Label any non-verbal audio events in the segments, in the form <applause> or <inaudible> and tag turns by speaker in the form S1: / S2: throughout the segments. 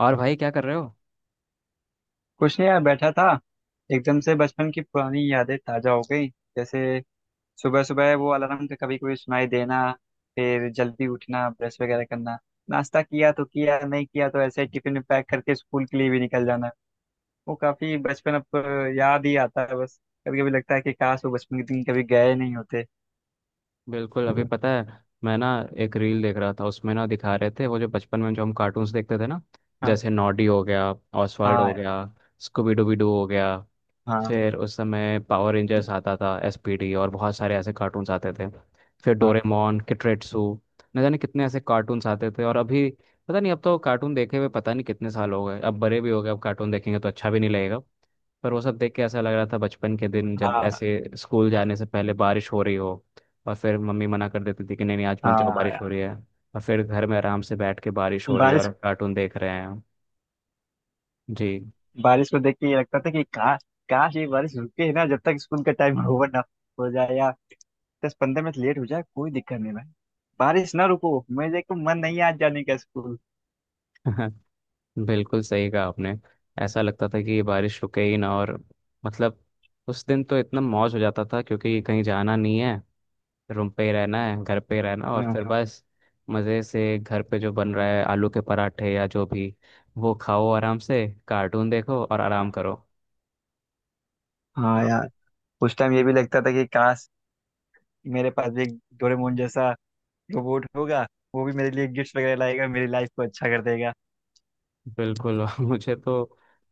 S1: और भाई क्या कर रहे हो।
S2: कुछ नहीं यार बैठा था। एकदम से बचपन की पुरानी यादें ताजा हो गई। जैसे सुबह सुबह वो अलार्म का कभी कभी सुनाई देना। फिर जल्दी उठना ब्रश वगैरह करना। नाश्ता किया तो किया नहीं किया तो ऐसे ही टिफिन में पैक करके स्कूल के लिए भी निकल जाना। वो काफी बचपन अब याद ही आता है बस। कभी कभी लगता है कि काश वो बचपन के दिन कभी गए नहीं होते।
S1: बिल्कुल, अभी पता है, मैं ना एक रील देख रहा था, उसमें ना दिखा रहे थे वो जो बचपन में जो हम कार्टून्स देखते थे ना।
S2: हाँ।
S1: जैसे नॉडी हो गया, ऑसवर्ल्ड
S2: हाँ
S1: हो गया,
S2: यार।
S1: स्कूबी डूबी डू हो गया।
S2: हाँ।
S1: फिर उस समय पावर रेंजर्स आता था, एसपीडी, और बहुत सारे ऐसे कार्टून्स आते थे। फिर
S2: हाँ।
S1: डोरेमोन, किट्रेट्सू, न जाने कितने ऐसे कार्टून्स आते थे। और अभी पता नहीं, अब तो कार्टून देखे हुए पता नहीं कितने साल हो गए, अब बड़े भी हो गए, अब कार्टून देखेंगे तो अच्छा भी नहीं लगेगा। पर वो सब देख के ऐसा लग रहा था बचपन के दिन जब
S2: हाँ।
S1: ऐसे स्कूल जाने से पहले बारिश हो रही हो, और फिर मम्मी मना कर देती थी कि नहीं नहीं आज मत
S2: हाँ
S1: जाओ बारिश हो
S2: यार।
S1: रही है। और फिर घर में आराम से बैठ के बारिश हो रही है
S2: बारिश।
S1: और कार्टून देख रहे हैं। जी।
S2: बारिश को देख के ये लगता था कि काश काश ये बारिश रुके ना जब तक स्कूल का टाइम <laughs> ओवर ना हो जाए या 10-15 मिनट लेट हो जाए कोई दिक्कत नहीं भाई। बारिश ना रुको। मेरे को मन नहीं है आज जाने का स्कूल।
S1: <laughs> बिल्कुल सही कहा आपने। ऐसा लगता था कि ये बारिश रुके ही ना, और मतलब उस दिन तो इतना मौज हो जाता था क्योंकि कहीं जाना नहीं है, रूम पे ही रहना है, घर पे ही रहना, और
S2: हाँ।
S1: फिर हाँ, बस मज़े से घर पे जो बन रहा है आलू के पराठे या जो भी, वो खाओ आराम से, कार्टून देखो और आराम करो।
S2: हाँ यार।
S1: हाँ।
S2: उस टाइम ये भी लगता था कि काश मेरे पास भी एक डोरेमोन जैसा रोबोट होगा। वो भी मेरे लिए गिफ्ट वगैरह लाएगा मेरी लाइफ को अच्छा कर देगा।
S1: बिल्कुल। <laughs> मुझे तो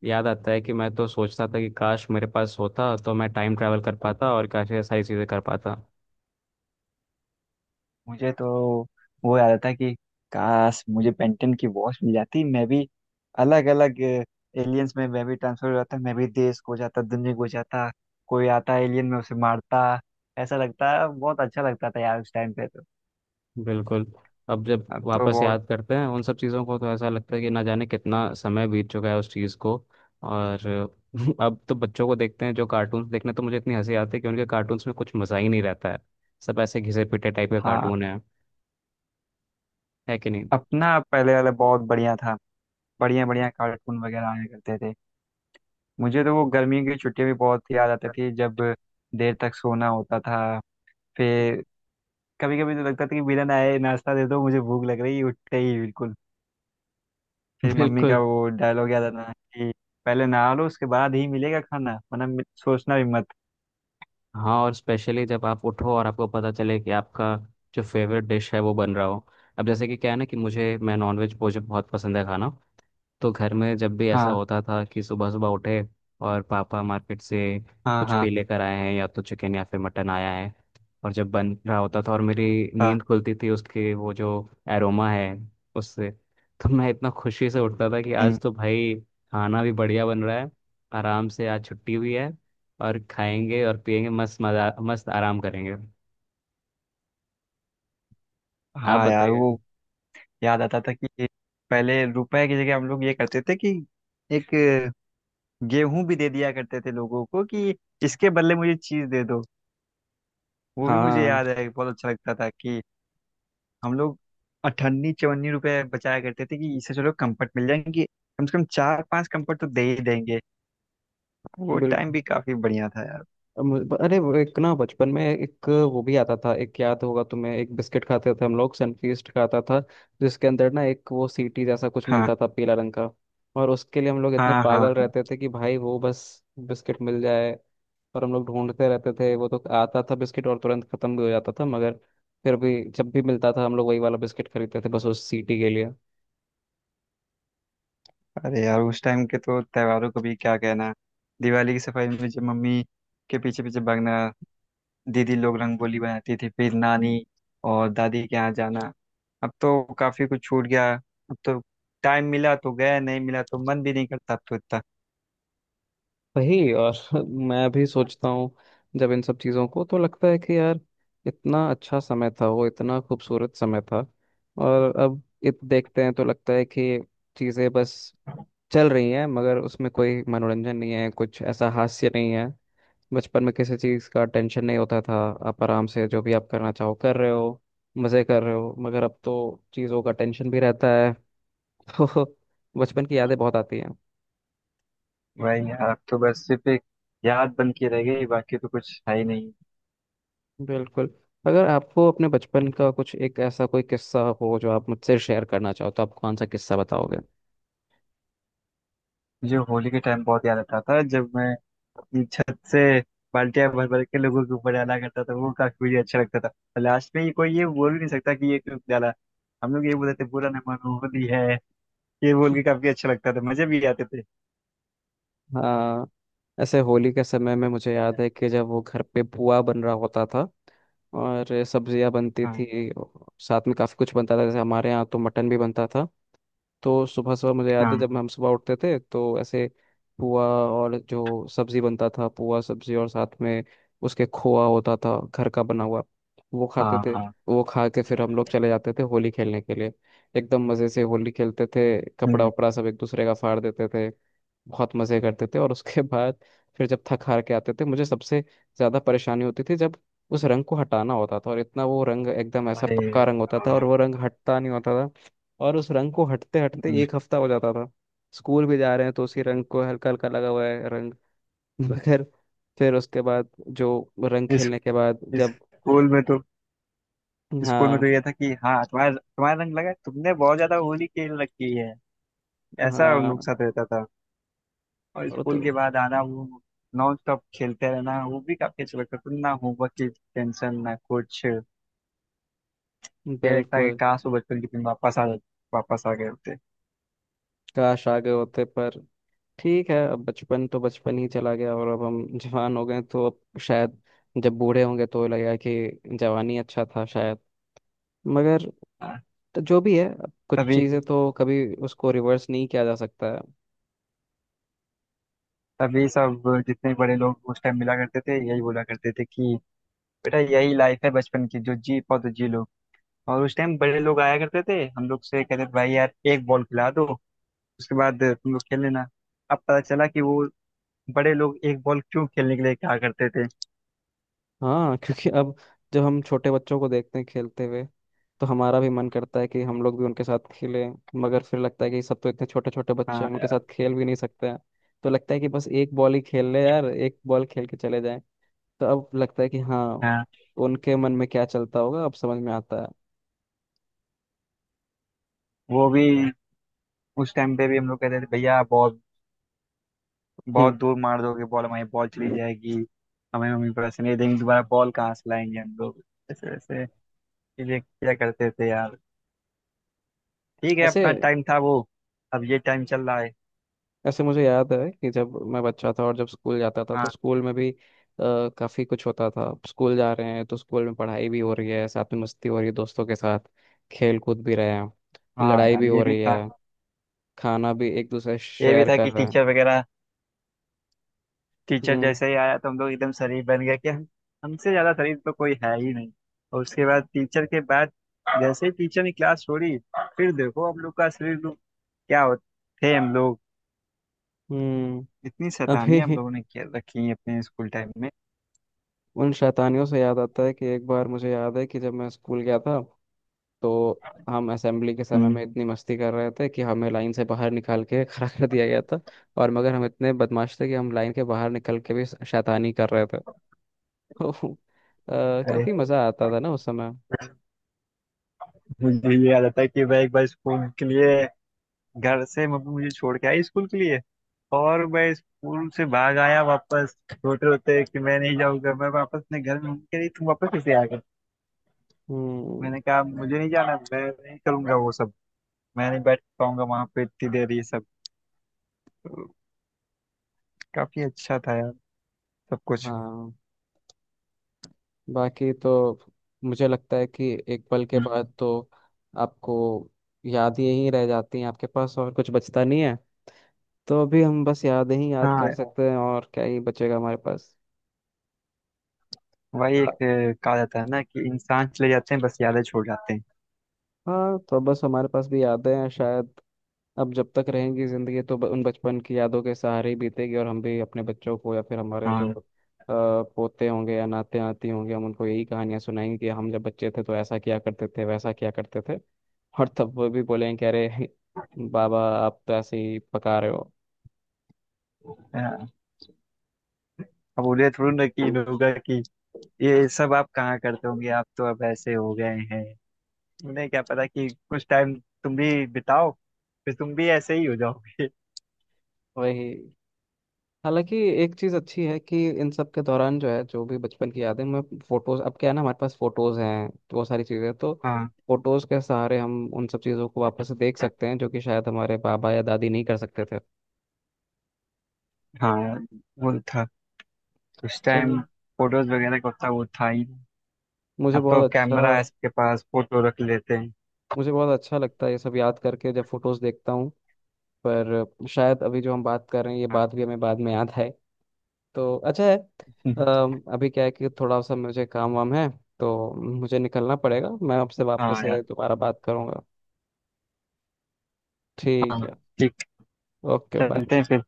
S1: याद आता है कि मैं तो सोचता था कि काश मेरे पास होता तो मैं टाइम ट्रैवल कर पाता और काश ये सारी चीज़ें कर पाता।
S2: मुझे तो वो याद आता है कि काश मुझे पेंटन की वॉच मिल जाती। मैं भी अलग अलग एलियंस में मैं भी ट्रांसफर हो जाता मैं भी देश खो जाता दुनिया खो जाता। कोई आता एलियन में उसे मारता। ऐसा लगता है बहुत अच्छा लगता था यार उस टाइम पे तो।
S1: बिल्कुल, अब जब
S2: अब तो
S1: वापस
S2: बहुत।
S1: याद करते हैं उन सब चीज़ों को तो ऐसा लगता है कि ना जाने कितना समय बीत चुका है उस चीज़ को। और <laughs> अब तो बच्चों को देखते हैं जो कार्टून्स देखने, तो मुझे इतनी हंसी आती है कि उनके कार्टून्स में कुछ मज़ा ही नहीं रहता है। सब ऐसे घिसे पिटे टाइप के
S2: हाँ।
S1: कार्टून है। है कि नहीं? <laughs>
S2: अपना पहले वाला बहुत बढ़िया था। बढ़िया बढ़िया कार्टून वगैरह आया करते थे। मुझे तो वो गर्मियों की छुट्टियां भी बहुत याद आती थी जब देर तक सोना होता था। कभी कभी तो लगता था कि विलन आए नाश्ता दे दो मुझे भूख लग रही है उठते ही बिल्कुल। फिर मम्मी का
S1: बिल्कुल।
S2: वो डायलॉग याद आता था कि पहले नहा लो उसके बाद ही मिलेगा खाना वरना सोचना भी मत।
S1: हाँ, और स्पेशली जब आप उठो और आपको पता चले कि आपका जो फेवरेट डिश है वो बन रहा हो। अब जैसे कि क्या है ना कि मुझे मैं नॉनवेज मुझे बहुत पसंद है खाना। तो घर में जब भी ऐसा
S2: हाँ।
S1: होता था कि सुबह सुबह उठे और पापा मार्केट से
S2: हाँ।
S1: कुछ
S2: हाँ।
S1: भी लेकर आए हैं, या तो चिकन या फिर मटन आया है, और जब बन रहा होता था और मेरी
S2: हाँ।
S1: नींद खुलती थी उसके, वो जो एरोमा है उससे, तो मैं इतना खुशी से उठता था कि
S2: हम्म।
S1: आज तो भाई खाना भी बढ़िया बन रहा है। आराम से आज छुट्टी हुई है और खाएंगे और पिएंगे मस्त मजा, मस्त आराम करेंगे। आप
S2: हाँ यार।
S1: बताइए।
S2: वो याद आता था कि पहले रुपए की जगह हम लोग ये करते थे कि एक गेहूं भी दे दिया करते थे लोगों को कि इसके बदले मुझे चीज दे दो। वो भी मुझे
S1: हाँ।
S2: याद है बहुत अच्छा लगता था कि हम लोग अठन्नी चवन्नी रुपए बचाया करते थे कि इससे चलो कंफर्ट मिल जाएंगे। कम से कम चार पांच कंफर्ट तो दे ही देंगे। वो टाइम
S1: बिल्कुल।
S2: भी काफी बढ़िया था यार।
S1: अरे वो एक ना बचपन में एक वो भी आता था, एक याद होगा तुम्हें, एक बिस्किट खाते थे हम लोग, सनफीस्ट खाता था, जिसके अंदर ना एक वो सीटी जैसा कुछ
S2: हाँ।
S1: मिलता था पीला रंग का। और उसके लिए हम लोग इतने
S2: हाँ। हाँ।
S1: पागल
S2: हाँ।
S1: रहते थे कि भाई वो बस बिस्किट मिल जाए, और हम लोग ढूंढते रहते थे। वो तो आता था बिस्किट और तुरंत खत्म भी हो जाता था, मगर फिर भी जब भी मिलता था हम लोग वही वाला बिस्किट खरीदते थे, बस उस सीटी के लिए।
S2: अरे यार उस टाइम के तो त्योहारों को भी क्या कहना। दिवाली की सफाई में जब मम्मी के पीछे पीछे भागना। दीदी लोग रंगोली बनाती थी फिर नानी और दादी के यहाँ जाना। अब तो काफी कुछ छूट गया। अब तो टाइम मिला तो गया नहीं मिला तो मन भी नहीं करता अब तो।
S1: वही। और <laughs> मैं भी सोचता हूँ जब इन सब चीज़ों को, तो लगता है कि यार इतना अच्छा समय था वो, इतना खूबसूरत समय था। और अब इत देखते हैं तो लगता है कि चीज़ें बस चल रही हैं, मगर उसमें कोई मनोरंजन नहीं है, कुछ ऐसा हास्य नहीं है। बचपन में किसी चीज़ का टेंशन नहीं होता था, आप आराम से जो भी आप करना चाहो कर रहे हो, मज़े कर रहे हो। मगर अब तो चीज़ों का टेंशन भी रहता है। <laughs> तो बचपन की यादें बहुत आती।
S2: वही यार अब तो बस सिर्फ एक याद बन के रह गई बाकी तो कुछ है ही नहीं।
S1: बिल्कुल। अगर आपको अपने बचपन का कुछ एक ऐसा कोई किस्सा हो जो आप मुझसे शेयर करना चाहो, तो आप कौन सा किस्सा बताओगे?
S2: मुझे होली के टाइम बहुत याद आता था जब मैं अपनी छत से बाल्टियां भर भर के लोगों के ऊपर डाला करता था। वो काफी मुझे अच्छा लगता था और लास्ट में ये कोई ये बोल भी नहीं सकता कि ये क्यों डाला। हम लोग ये बोलते थे बुरा न मानो होली है। ये बोल के काफी
S1: <laughs>
S2: अच्छा लगता था मजे भी आते थे।
S1: हाँ, ऐसे होली के समय में मुझे याद है कि जब वो घर पे पुआ बन रहा होता था और सब्जियां बनती
S2: हाँ।
S1: थी, साथ में काफी कुछ बनता था। जैसे हमारे यहाँ तो मटन भी बनता था। तो सुबह सुबह मुझे याद है
S2: हाँ।
S1: जब हम सुबह उठते थे तो ऐसे, पुआ, और जो सब्जी बनता था, पुआ सब्जी, और साथ में उसके खोआ होता था घर का बना हुआ, वो खाते
S2: हाँ।
S1: थे।
S2: हाँ।
S1: वो खा के फिर हम लोग चले जाते थे होली खेलने के लिए। एकदम मज़े से होली खेलते थे, कपड़ा
S2: हम्म।
S1: वपड़ा सब एक दूसरे का फाड़ देते थे, बहुत मज़े करते थे। और उसके बाद फिर जब थक हार के आते थे, मुझे सबसे ज़्यादा परेशानी होती थी जब उस रंग को हटाना होता था। और इतना वो रंग एकदम ऐसा
S2: अरे।
S1: पक्का रंग होता था,
S2: हाँ।
S1: और वो रंग हटता नहीं होता था, और उस रंग को हटते हटते
S2: हम्म,
S1: एक हफ्ता हो जाता था। स्कूल भी जा रहे हैं तो उसी रंग को हल्का हल्का लगा हुआ है रंग। <laughs> मगर फिर उसके बाद जो रंग
S2: इस
S1: खेलने के बाद
S2: इस
S1: जब,
S2: स्कूल में तो स्कूल में तो
S1: हाँ
S2: ये था कि हाँ तुम्हारा तुम्हारा रंग लगा है, तुमने बहुत ज्यादा होली खेल रखी है। ऐसा उन लोग
S1: हाँ।
S2: के साथ रहता था। और
S1: वो तो
S2: स्कूल के बाद आना वो नॉन स्टॉप खेलते रहना वो भी काफी अच्छा लगता था ना होमवर्क की टेंशन ना कुछ। ये लगता है कि
S1: बिल्कुल।
S2: काश वो बचपन के दिन वापस आ गए होते।
S1: काश आगे होते, पर ठीक है, अब बचपन तो बचपन ही चला गया और अब हम जवान हो गए, तो अब शायद जब बूढ़े होंगे तो लगेगा कि जवानी अच्छा था, शायद। मगर
S2: हाँ।
S1: तो जो भी है, अब कुछ
S2: तभी
S1: चीज़ें तो कभी उसको रिवर्स नहीं किया जा सकता है।
S2: तभी सब जितने बड़े लोग उस टाइम मिला करते थे यही बोला करते थे कि बेटा यही लाइफ है बचपन की जो जी पाओ तो जी लो। और उस टाइम बड़े लोग आया करते थे हम लोग से कहते थे भाई यार एक बॉल खिला दो उसके बाद तुम लोग खेल लेना। अब पता चला कि वो बड़े लोग एक बॉल क्यों खेलने के लिए कहा करते थे।
S1: हाँ। <laughs> क्योंकि अब जब हम छोटे बच्चों को देखते हैं खेलते हुए, तो हमारा भी मन करता है कि हम लोग भी उनके साथ खेलें। मगर फिर लगता है कि सब तो इतने छोटे छोटे बच्चे हैं, उनके साथ
S2: हाँ।
S1: खेल भी नहीं सकते हैं। तो लगता है कि बस एक बॉल ही खेल ले यार, एक बॉल खेल के चले जाएं। तो अब लगता है कि हाँ,
S2: हाँ।
S1: उनके मन में क्या चलता होगा अब समझ में आता है।
S2: वो भी उस टाइम पे भी हम लोग कहते थे भैया बहुत बहुत
S1: हम्म।
S2: दूर मार दोगे बॉल हमारी बॉल चली जाएगी। हमें मम्मी पैसे नहीं देंगे दोबारा बॉल कहाँ से लाएंगे हम लोग। ऐसे ऐसे चीजें किया करते थे यार। ठीक है
S1: ऐसे
S2: अपना टाइम था वो। अब ये टाइम चल रहा है।
S1: ऐसे मुझे याद है कि जब मैं बच्चा था और जब स्कूल जाता था, तो
S2: हाँ।
S1: स्कूल में भी काफी कुछ होता था। स्कूल जा रहे हैं तो स्कूल में पढ़ाई भी हो रही है, साथ में मस्ती हो रही है दोस्तों के साथ, खेल कूद भी रहे हैं,
S2: हाँ
S1: लड़ाई
S2: यार
S1: भी
S2: ये
S1: हो
S2: भी
S1: रही
S2: था।
S1: है, खाना भी एक दूसरे
S2: ये भी
S1: शेयर
S2: था
S1: कर
S2: कि
S1: रहे हैं।
S2: टीचर वगैरह टीचर
S1: हम्म।
S2: जैसे ही आया तो हम लोग एकदम शरीफ बन गए कि हम हमसे ज्यादा शरीफ तो कोई है ही नहीं। और उसके बाद टीचर के बाद जैसे ही टीचर ने क्लास छोड़ी फिर देखो हम लोग का शरीर लोग क्या होते थे हम लोग।
S1: हम्म।
S2: इतनी
S1: अभी
S2: शैतानियां हम
S1: <laughs>
S2: लोगों ने किया रखी हैं अपने स्कूल टाइम में।
S1: उन शैतानियों से याद आता है कि एक बार मुझे याद है कि जब मैं स्कूल गया था, तो हम असेंबली के समय
S2: हम्म।
S1: में इतनी मस्ती कर रहे थे कि हमें लाइन से बाहर निकाल के <laughs> खड़ा कर दिया गया था। और मगर हम इतने बदमाश थे कि हम लाइन के बाहर निकल के भी शैतानी कर रहे थे। <laughs> तो
S2: अरे।
S1: काफी मजा आता था ना उस समय।
S2: मुझे ये याद आता है कि मैं एक बार स्कूल के लिए घर से मम्मी मुझे छोड़ के आई स्कूल के लिए। और मैं स्कूल से भाग आया वापस रोते रोते कि मैं नहीं जाऊंगा मैं वापस अपने घर में मम्मी कह रही तुम वापस कैसे आ गए।
S1: हम्म।
S2: मैंने कहा मुझे नहीं जाना मैं नहीं करूंगा वो सब। मैं नहीं बैठ पाऊंगा वहां पे इतनी देर ये सब। तो काफी अच्छा था यार सब कुछ।
S1: हाँ। बाकी तो मुझे लगता है कि एक पल के
S2: हम्म।
S1: बाद तो आपको याद यही रह जाती हैं आपके पास, और कुछ बचता नहीं है। तो अभी हम बस यादें ही याद कर
S2: हाँ।
S1: सकते हैं, और क्या ही बचेगा हमारे पास।
S2: वही एक कहा जाता है ना कि इंसान चले जाते हैं बस यादें छोड़ जाते हैं।
S1: हाँ, तो बस हमारे पास भी यादें हैं शायद। अब जब तक रहेंगी जिंदगी, तो उन बचपन की यादों के सहारे ही बीतेगी, और हम भी अपने बच्चों को या फिर हमारे जो पोते होंगे या नाते नाती होंगे, हम उनको यही कहानियां सुनाएंगे कि हम जब बच्चे थे तो ऐसा किया करते थे, वैसा किया करते थे। और तब वो भी बोलेंगे कि अरे, <laughs> बाबा आप तो ऐसे ही पका रहे हो।
S2: हाँ। अब बोले थोड़ी ना कि इन होगा कि ये सब आप कहाँ करते होंगे आप तो अब ऐसे हो गए हैं। उन्हें क्या पता कि कुछ टाइम तुम भी बिताओ फिर तुम भी ऐसे ही हो जाओगे।
S1: वही। हालांकि एक चीज़ अच्छी है कि इन सब के दौरान जो है, जो भी बचपन की यादें मैं फोटोज, अब क्या है ना, हमारे पास फोटोज हैं, तो वो सारी चीज़ें तो
S2: हाँ।
S1: फोटोज के सहारे हम उन सब चीज़ों को वापस से देख सकते हैं, जो कि शायद हमारे बाबा या दादी नहीं कर सकते थे।
S2: हाँ। वो था उस टाइम
S1: चलिए।
S2: फोटोज वगैरह का उतना वो था ही नहीं।
S1: मुझे
S2: अब तो
S1: बहुत अच्छा
S2: कैमरा है सबके पास फोटो रख लेते हैं।
S1: मुझे बहुत अच्छा लगता है ये सब याद करके जब फोटोज देखता हूँ। पर शायद अभी जो हम बात कर रहे हैं ये बात भी हमें बाद में याद आए, तो अच्छा है।
S2: <laughs>
S1: अभी क्या है कि थोड़ा सा मुझे काम वाम है, तो मुझे निकलना पड़ेगा। मैं आपसे वापस
S2: हाँ यार।
S1: से दोबारा बात करूँगा।
S2: हाँ
S1: ठीक है,
S2: ठीक।
S1: Okay bye.
S2: चलते हैं फिर।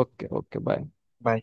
S1: Okay okay bye.
S2: बाय।